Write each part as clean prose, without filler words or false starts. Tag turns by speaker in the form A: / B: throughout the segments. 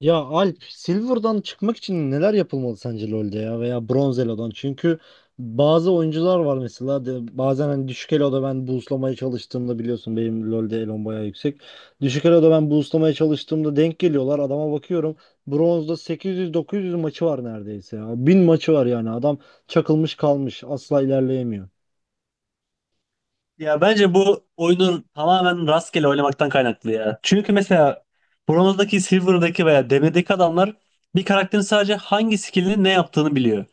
A: Ya Alp, Silver'dan çıkmak için neler yapılmalı sence LoL'de ya veya Bronz Elo'dan? Çünkü bazı oyuncular var mesela de, bazen hani düşük Elo'da ben boostlamaya çalıştığımda biliyorsun benim LoL'de Elo'm bayağı yüksek. Düşük Elo'da ben boostlamaya çalıştığımda denk geliyorlar adama bakıyorum. Bronz'da 800-900 maçı var neredeyse ya. 1000 maçı var yani adam çakılmış kalmış asla ilerleyemiyor.
B: Ya bence bu oyunu tamamen rastgele oynamaktan kaynaklı ya. Çünkü mesela bronzdaki, silver'daki veya demirdeki adamlar bir karakterin sadece hangi skillini ne yaptığını biliyor.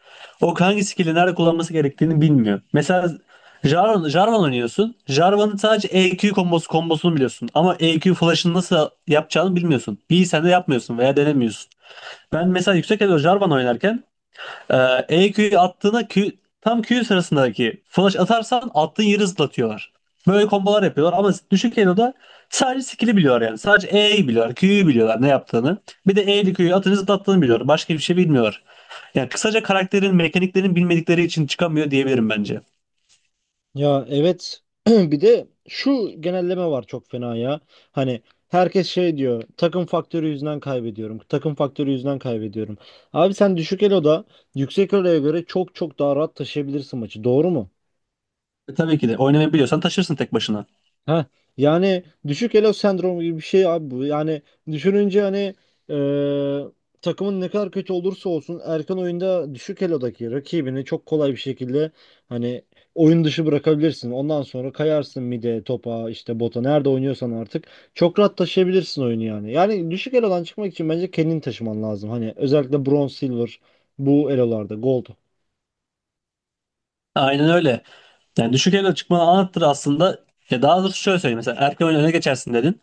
B: O hangi skilli nerede kullanması gerektiğini bilmiyor. Mesela Jarvan, Jarvan oynuyorsun. Jarvan'ın sadece EQ kombosu, kombosunu biliyorsun. Ama EQ flash'ını nasıl yapacağını bilmiyorsun. İyi sen de yapmıyorsun veya denemiyorsun. Ben mesela yüksek elo Jarvan oynarken ee, E Q'yu attığına Q, tam Q sırasındaki flash atarsan attığın yeri zıplatıyorlar. Böyle kombolar yapıyorlar ama düşük Elo'da sadece skill'i biliyorlar yani. Sadece E'yi biliyorlar, Q'yu biliyorlar ne yaptığını. Bir de E'li Q'yu atınca zıplattığını biliyorlar. Başka bir şey bilmiyorlar. Yani kısaca karakterin, mekaniklerin bilmedikleri için çıkamıyor diyebilirim bence.
A: Ya evet, bir de şu genelleme var çok fena ya. Hani herkes şey diyor, takım faktörü yüzünden kaybediyorum. Takım faktörü yüzünden kaybediyorum. Abi sen düşük eloda yüksek eloya göre çok çok daha rahat taşıyabilirsin maçı, doğru mu?
B: E, tabii ki de oynamayı biliyorsan taşırsın tek başına.
A: Ha, yani düşük elo sendromu gibi bir şey abi bu. Yani düşününce hani takımın ne kadar kötü olursa olsun erken oyunda düşük elodaki rakibini çok kolay bir şekilde hani oyun dışı bırakabilirsin. Ondan sonra kayarsın mide, topa, işte bota, nerede oynuyorsan artık çok rahat taşıyabilirsin oyunu yani. Yani düşük elodan çıkmak için bence kendini taşıman lazım. Hani özellikle bronze, silver, bu elolarda, gold.
B: Aynen öyle. Yani düşük elo çıkmanı anlattır aslında. Ya daha doğrusu şöyle söyleyeyim. Mesela erken oyunda öne geçersin dedin.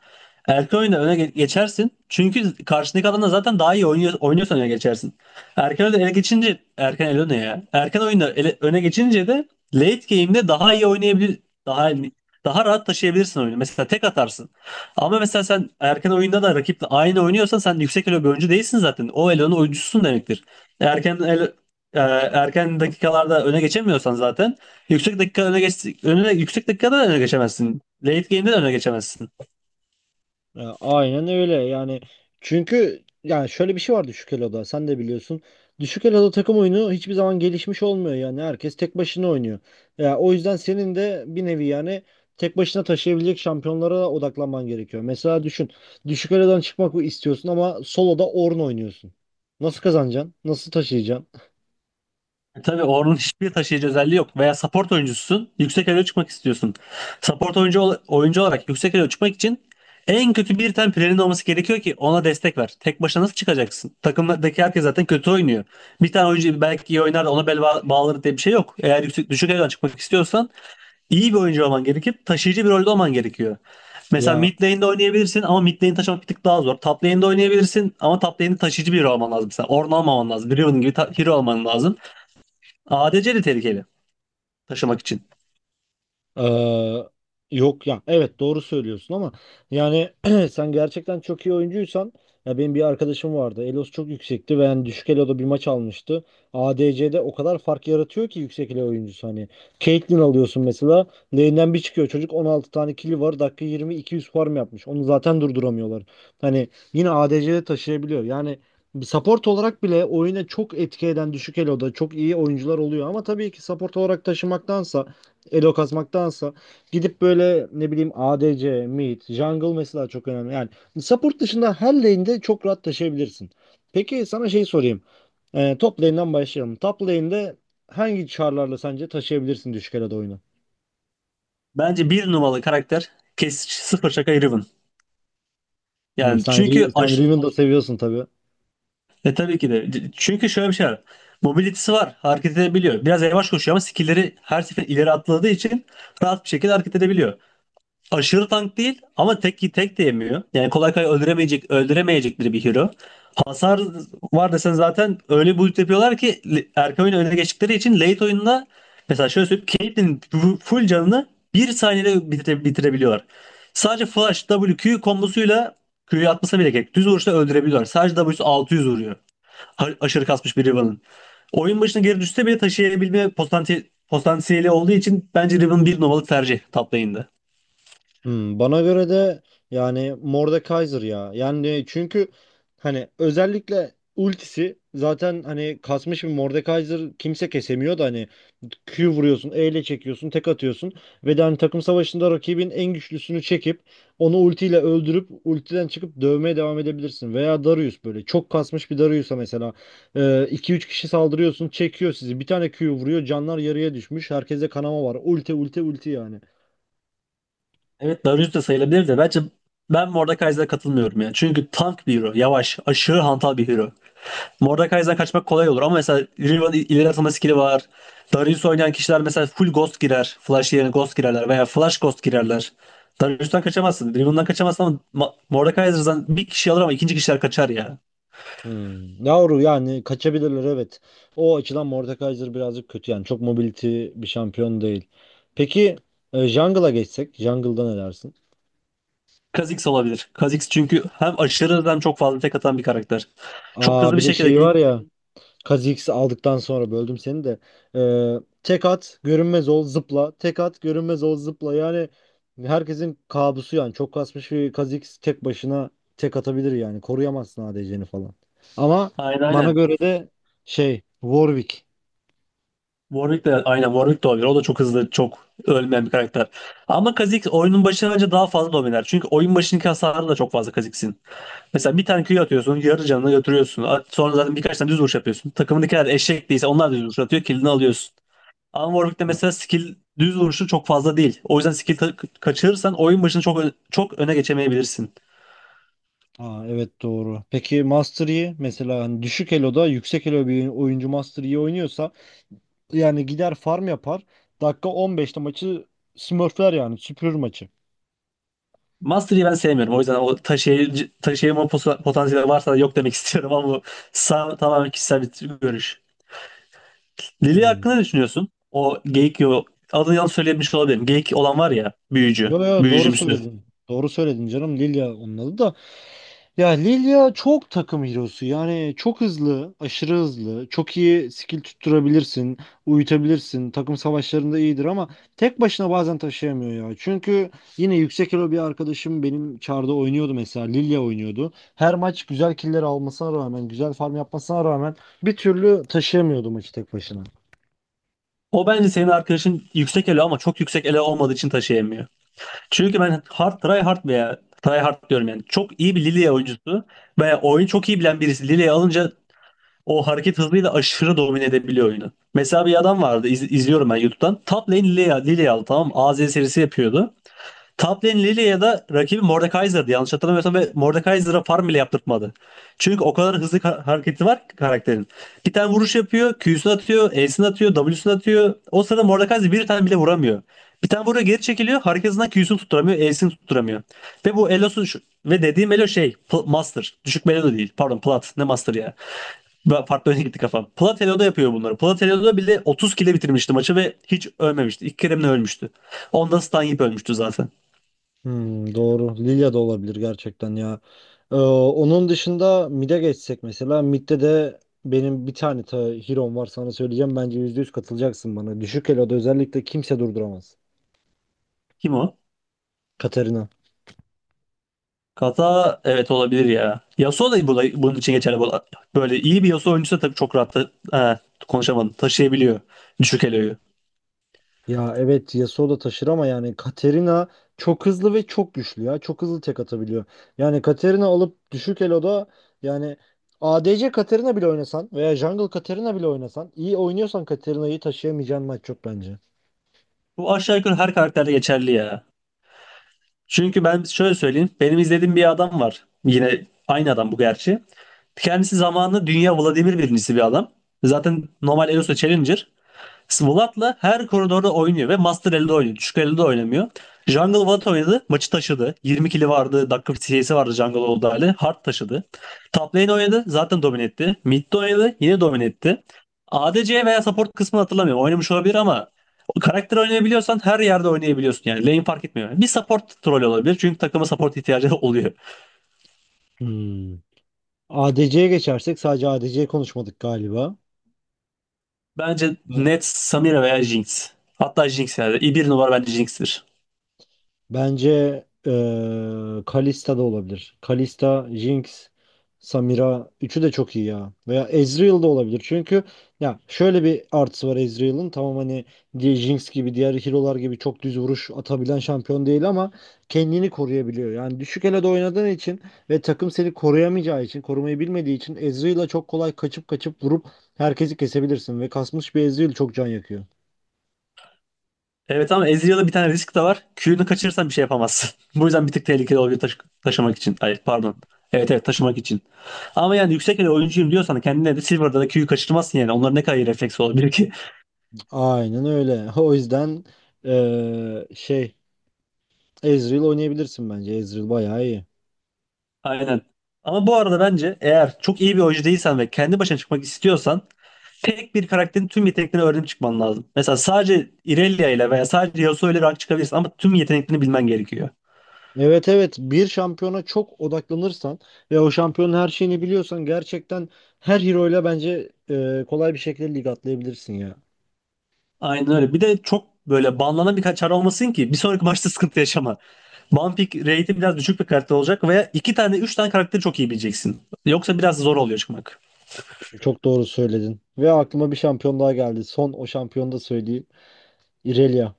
B: Erken oyunda öne geçersin. Çünkü karşındaki adamla zaten daha iyi oynuyor, oynuyorsan öne geçersin. Erken oyunda öne geçince erken elo ne ya? Erken oyunda öne geçince de late game'de daha iyi oynayabilir, daha daha rahat taşıyabilirsin oyunu. Mesela tek atarsın. Ama mesela sen erken oyunda da rakiple aynı oynuyorsan sen yüksek elo bir oyuncu değilsin zaten. O elonun oyuncususun demektir. Erken elo, e, erken dakikalarda öne geçemiyorsan zaten yüksek dakika öne geç önüne yüksek dakikada da öne geçemezsin. Late game'de de öne geçemezsin.
A: Ya, aynen öyle yani, çünkü yani şöyle bir şey var, düşük eloda sen de biliyorsun. Düşük eloda takım oyunu hiçbir zaman gelişmiş olmuyor, yani herkes tek başına oynuyor. Ya, o yüzden senin de bir nevi yani tek başına taşıyabilecek şampiyonlara odaklanman gerekiyor. Mesela düşün, düşük elodan çıkmak istiyorsun ama soloda Ornn oynuyorsun. Nasıl kazanacaksın? Nasıl taşıyacaksın?
B: E, tabii Ornn'un hiçbir taşıyıcı özelliği yok veya support oyuncususun. Yüksek elo çıkmak istiyorsun. Support oyuncu oyuncu olarak yüksek elo çıkmak için en kötü bir tane player'in olması gerekiyor ki ona destek ver. Tek başına nasıl çıkacaksın? Takımdaki herkes zaten kötü oynuyor. Bir tane oyuncu belki iyi oynar da ona bel bağlar diye bir şey yok. Eğer yüksek düşük elo'dan çıkmak istiyorsan İyi bir oyuncu olman gerekip taşıyıcı bir rolde olman gerekiyor. Mesela
A: Ya
B: mid lane'de oynayabilirsin ama mid lane taşımak bir tık daha zor. Top lane'de oynayabilirsin ama top lane'de taşıyıcı biri olman lazım. Mesela Ornn olmaman lazım. Riven gibi hero olman lazım. ADC de tehlikeli taşımak için.
A: Ee, yok ya, evet doğru söylüyorsun ama yani sen gerçekten çok iyi oyuncuysan, ya benim bir arkadaşım vardı, Elo'su çok yüksekti ve yani düşük Elo'da bir maç almıştı, ADC'de o kadar fark yaratıyor ki yüksek Elo oyuncusu hani Caitlyn alıyorsun mesela, lane'den bir çıkıyor çocuk, 16 tane kill'i var, dakika 20 200 farm yapmış, onu zaten durduramıyorlar, hani yine ADC'de taşıyabiliyor yani. Bir support olarak bile oyuna çok etki eden düşük Elo'da çok iyi oyuncular oluyor ama tabii ki support olarak taşımaktansa, elo kasmaktansa, gidip böyle ne bileyim ADC, mid, jungle mesela çok önemli. Yani support dışında her lane'de çok rahat taşıyabilirsin. Peki sana şey sorayım. Top lane'den başlayalım. Top lane'de hangi char'larla sence taşıyabilirsin düşük elo'da oyunu?
B: Bence bir numaralı karakter kes sıfır şaka Riven.
A: Hmm,
B: Yani çünkü
A: Sen Riven'ı da seviyorsun tabii.
B: e tabii ki de. Çünkü şöyle bir şey var. Mobility'si var. Hareket edebiliyor. Biraz yavaş koşuyor ama skill'leri her sefer ileri atladığı için rahat bir şekilde hareket edebiliyor. Aşırı tank değil ama tek tek de yemiyor. Yani kolay kolay öldüremeyecek, öldüremeyecekleri bir hero. Hasar var desen zaten öyle bir build yapıyorlar ki le- erken oyun öne geçtikleri için late oyunda mesela şöyle söyleyeyim Caitlyn'in full canını bir saniyede bitirebiliyorlar. Sadece flash w q kombosuyla Q'yu atmasa bile gerek. Düz vuruşla öldürebiliyorlar. Sadece W'su 600 vuruyor. Aşırı kasmış bir Riven'ın. Oyun başına geri düşse bile taşıyabilme potansiyeli olduğu için bence Riven bir numaralı tercih top lane'de.
A: Hmm, bana göre de yani Mordekaiser ya. Yani çünkü hani özellikle ultisi zaten, hani kasmış bir Mordekaiser kimse kesemiyor da, hani Q vuruyorsun, E ile çekiyorsun, tek atıyorsun ve de hani takım savaşında rakibin en güçlüsünü çekip onu ultiyle öldürüp ultiden çıkıp dövmeye devam edebilirsin. Veya Darius, böyle çok kasmış bir Darius'a mesela iki üç kişi saldırıyorsun, çekiyor sizi. Bir tane Q vuruyor, canlar yarıya düşmüş. Herkese kanama var. Ulti ulti ulti yani.
B: Evet Darius da sayılabilir de bence ben Mordekaiser'a katılmıyorum ya. Çünkü tank bir hero. Yavaş, aşırı hantal bir hero. Mordekaiser'dan kaçmak kolay olur ama mesela Riven ileri atılma skill'i var. Darius oynayan kişiler mesela full ghost girer. Flash yerine ghost girerler veya flash ghost girerler. Darius'tan kaçamazsın. Riven'dan kaçamazsın ama Mordekaiser'dan bir kişi alır ama ikinci kişiler kaçar ya.
A: Hmm. Yavru yani, kaçabilirler evet. O açıdan Mordekaiser birazcık kötü yani. Çok mobility bir şampiyon değil. Peki, jungle'a geçsek. Jungle'da ne dersin?
B: Kha'Zix olabilir. Kha'Zix çünkü hem aşırı hem çok fazla tek atan bir karakter. Çok
A: Aa,
B: hızlı bir
A: bir de
B: şekilde
A: şey
B: gank.
A: var ya. Kha'Zix'i aldıktan sonra böldüm seni de. E, Tek at, görünmez ol, zıpla. Tek at, görünmez ol, zıpla. Yani herkesin kabusu yani. Çok kasmış bir Kha'Zix tek başına tek atabilir yani. Koruyamazsın ADC'ni falan. Ama
B: Aynen
A: bana
B: aynen.
A: göre de şey, Warwick.
B: Warwick de aynen Warwick de olabilir. O da çok hızlı, çok ölmeyen bir karakter. Ama Kha'Zix oyunun başına önce daha fazla dominer. Çünkü oyun başındaki hasarı da çok fazla Kha'Zix'in. Mesela bir tane Q atıyorsun, yarı canını götürüyorsun. Sonra zaten birkaç tane düz vuruş yapıyorsun. Takımındakiler eşek değilse onlar da düz vuruş atıyor, killini alıyorsun. Ama Warwick'te mesela skill düz vuruşu çok fazla değil. O yüzden skill kaçırırsan oyun başını çok öne geçemeyebilirsin.
A: Aa, evet doğru. Peki Master Yi mesela, hani düşük eloda yüksek elo bir oyuncu Master Yi oynuyorsa yani gider farm yapar. Dakika 15'te maçı smurfler yani, süpürür maçı.
B: Mastery'i ben sevmiyorum. O yüzden o taşıyıcı, taşıyıcı potansiyeli varsa da yok demek istiyorum ama bu tamamen kişisel bir görüş. Lili
A: Hmm.
B: hakkında ne düşünüyorsun? O geyik yo adını yanlış söylemiş olabilirim. Geyik olan var ya büyücü.
A: Yo yo, doğru
B: Büyücümsü.
A: söyledin. Doğru söyledin canım, Lilia onun adı da. Ya Lilia çok takım hero'su. Yani çok hızlı, aşırı hızlı. Çok iyi skill tutturabilirsin, uyutabilirsin. Takım savaşlarında iyidir ama tek başına bazen taşıyamıyor ya. Çünkü yine yüksek elo bir arkadaşım benim çarda oynuyordu mesela. Lilia oynuyordu. Her maç güzel killer almasına rağmen, güzel farm yapmasına rağmen bir türlü taşıyamıyordu maçı tek başına.
B: O bence senin arkadaşın yüksek elo ama çok yüksek elo olmadığı için taşıyamıyor. Çünkü ben hard try hard veya try hard diyorum yani. Çok iyi bir Lilia oyuncusu veya oyunu çok iyi bilen birisi Lilia'yı alınca o hareket hızıyla aşırı domine edebiliyor oyunu. Mesela bir adam vardı izliyorum ben YouTube'dan. Top lane Lilia, Lilia aldı tamam mı? AZ serisi yapıyordu. Top lane Lilia'da rakibi Mordekaiser'dı yanlış hatırlamıyorsam ve Mordekaiser'a farm bile yaptırtmadı. Çünkü o kadar hızlı hareketi var ki karakterin. Bir tane vuruş yapıyor, Q'sunu atıyor, E'sini atıyor, W'sunu atıyor. O sırada Mordekaiser bir tane bile vuramıyor. Bir tane vuruyor geri çekiliyor, hareketinden Q'sunu tutturamıyor, E'sini tutturamıyor. Ve bu Elo'su ve dediğim Elo şey, Master. Düşük bir Elo değil, pardon Plat, ne Master ya. Ben farklı öne gitti kafam. Platelo'da yapıyor bunları. Plat Platelo'da bile 30 kile bitirmişti maçı ve hiç ölmemişti. İlk kere mi ne ölmüştü? Onda stun yiyip ölmüştü zaten.
A: Hmm, doğru. Lilya da olabilir gerçekten ya. Onun dışında mid'e geçsek mesela. Mid'de de benim bir tane ta hero'm var, sana söyleyeceğim. Bence %100 katılacaksın bana. Düşük elo'da özellikle kimse durduramaz.
B: Kim o?
A: Katarina.
B: Kaza evet olabilir ya. Yasuo da burada, bunun için geçerli. Bu- Böyle iyi bir Yasuo oyuncusu da tabii çok rahat ha, konuşamadım. Taşıyabiliyor düşük eloyu.
A: Ya evet, Yasuo da taşır ama yani Katarina çok hızlı ve çok güçlü ya. Çok hızlı tek atabiliyor. Yani Katarina alıp düşük elo'da yani ADC Katarina bile oynasan veya Jungle Katarina bile oynasan, iyi oynuyorsan Katarina'yı taşıyamayacağın maç çok bence.
B: Bu aşağı yukarı her karakterde geçerli ya. Çünkü ben şöyle söyleyeyim. Benim izlediğim bir adam var. Yine aynı adam bu gerçi. Kendisi zamanında dünya Vladimir birincisi bir adam. Zaten normal Elosu Challenger. Svolat'la her koridorda oynuyor ve Master elde oynuyor. Düşük elde de oynamıyor. Jungle Watt oynadı. Maçı taşıdı. 20 kili vardı. Dakika CS'i vardı Jungle olduğu hali. Hard taşıdı. Top lane oynadı. Zaten domine etti. Mid oynadı. Yine domine etti. ADC veya support kısmını hatırlamıyorum. Oynamış olabilir ama karakter oynayabiliyorsan her yerde oynayabiliyorsun. Yani lane fark etmiyor. Bir support troll olabilir. Çünkü takıma support ihtiyacı oluyor.
A: Hmm. ADC'ye geçersek, sadece ADC'ye konuşmadık galiba.
B: Bence
A: B-
B: net Samira veya Jinx. Hatta Jinx yani. Bir numara bence Jinx'tir.
A: Bence Kalista da olabilir. Kalista, Jinx, Samira üçü de çok iyi ya. Veya Ezreal da olabilir. Çünkü ya şöyle bir artısı var Ezreal'ın. Tamam, hani diye Jinx gibi, diğer hero'lar gibi çok düz vuruş atabilen şampiyon değil ama kendini koruyabiliyor. Yani düşük elo'da oynadığın için ve takım seni koruyamayacağı için, korumayı bilmediği için Ezreal'a çok kolay kaçıp kaçıp vurup herkesi kesebilirsin ve kasmış bir Ezreal çok can yakıyor.
B: Evet ama Ezreal'da bir tane risk de var. Q'nu kaçırırsan bir şey yapamazsın. Bu yüzden bir tık tehlikeli oluyor taşımak için. Hayır pardon. Evet evet taşımak için. Ama yani yüksek ele oyuncuyum diyorsan kendine de Silver'da da Q'yu kaçırmazsın yani. Onların ne kadar iyi refleks olabilir ki?
A: Aynen öyle. O yüzden şey, Ezreal oynayabilirsin bence. Ezreal bayağı iyi.
B: Aynen. Ama bu arada bence eğer çok iyi bir oyuncu değilsen ve kendi başına çıkmak istiyorsan tek bir karakterin tüm yeteneklerini öğrenip çıkman lazım. Mesela sadece Irelia ile veya sadece Yasuo ile rank çıkabilirsin ama tüm yeteneklerini bilmen gerekiyor.
A: Evet evet, bir şampiyona çok odaklanırsan ve o şampiyonun her şeyini biliyorsan gerçekten her hero ile bence kolay bir şekilde lig atlayabilirsin ya.
B: Aynen öyle. Bir de çok böyle banlanan bir kaçar olmasın ki bir sonraki maçta sıkıntı yaşama. Ban pick rate'i biraz düşük bir karakter olacak veya iki tane üç tane karakteri çok iyi bileceksin. Yoksa biraz zor oluyor çıkmak.
A: Çok doğru söyledin. Ve aklıma bir şampiyon daha geldi. Son o şampiyonu da söyleyeyim. Irelia.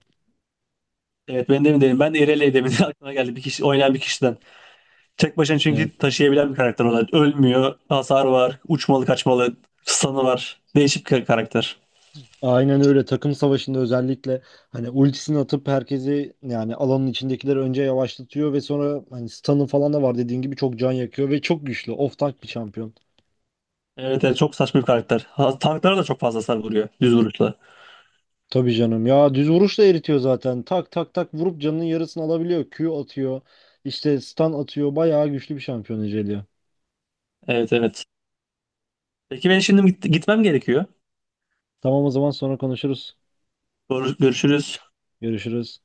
B: Evet ben demin dedim. Ben de Irelia demin aklıma geldi bir kişi oynayan bir kişiden. Tek başına
A: Evet.
B: çünkü taşıyabilen bir karakter olarak. Ölmüyor, hasar var, uçmalı kaçmalı, stun'ı var. Değişik bir karakter.
A: Aynen öyle, takım savaşında özellikle hani ultisini atıp herkesi yani alanın içindekileri önce yavaşlatıyor ve sonra hani stun'ı falan da var, dediğin gibi çok can yakıyor ve çok güçlü off tank bir şampiyon.
B: Evet evet çok saçma bir karakter. Ha, tanklara da çok fazla hasar vuruyor düz vuruşla.
A: Tabii canım ya, düz vuruşla eritiyor zaten, tak tak tak vurup canının yarısını alabiliyor, Q atıyor, işte stun atıyor, bayağı güçlü bir şampiyon Ecelia.
B: Evet evet. Peki ben şimdi gitmem gerekiyor.
A: Tamam, o zaman sonra konuşuruz,
B: Görüşürüz.
A: görüşürüz.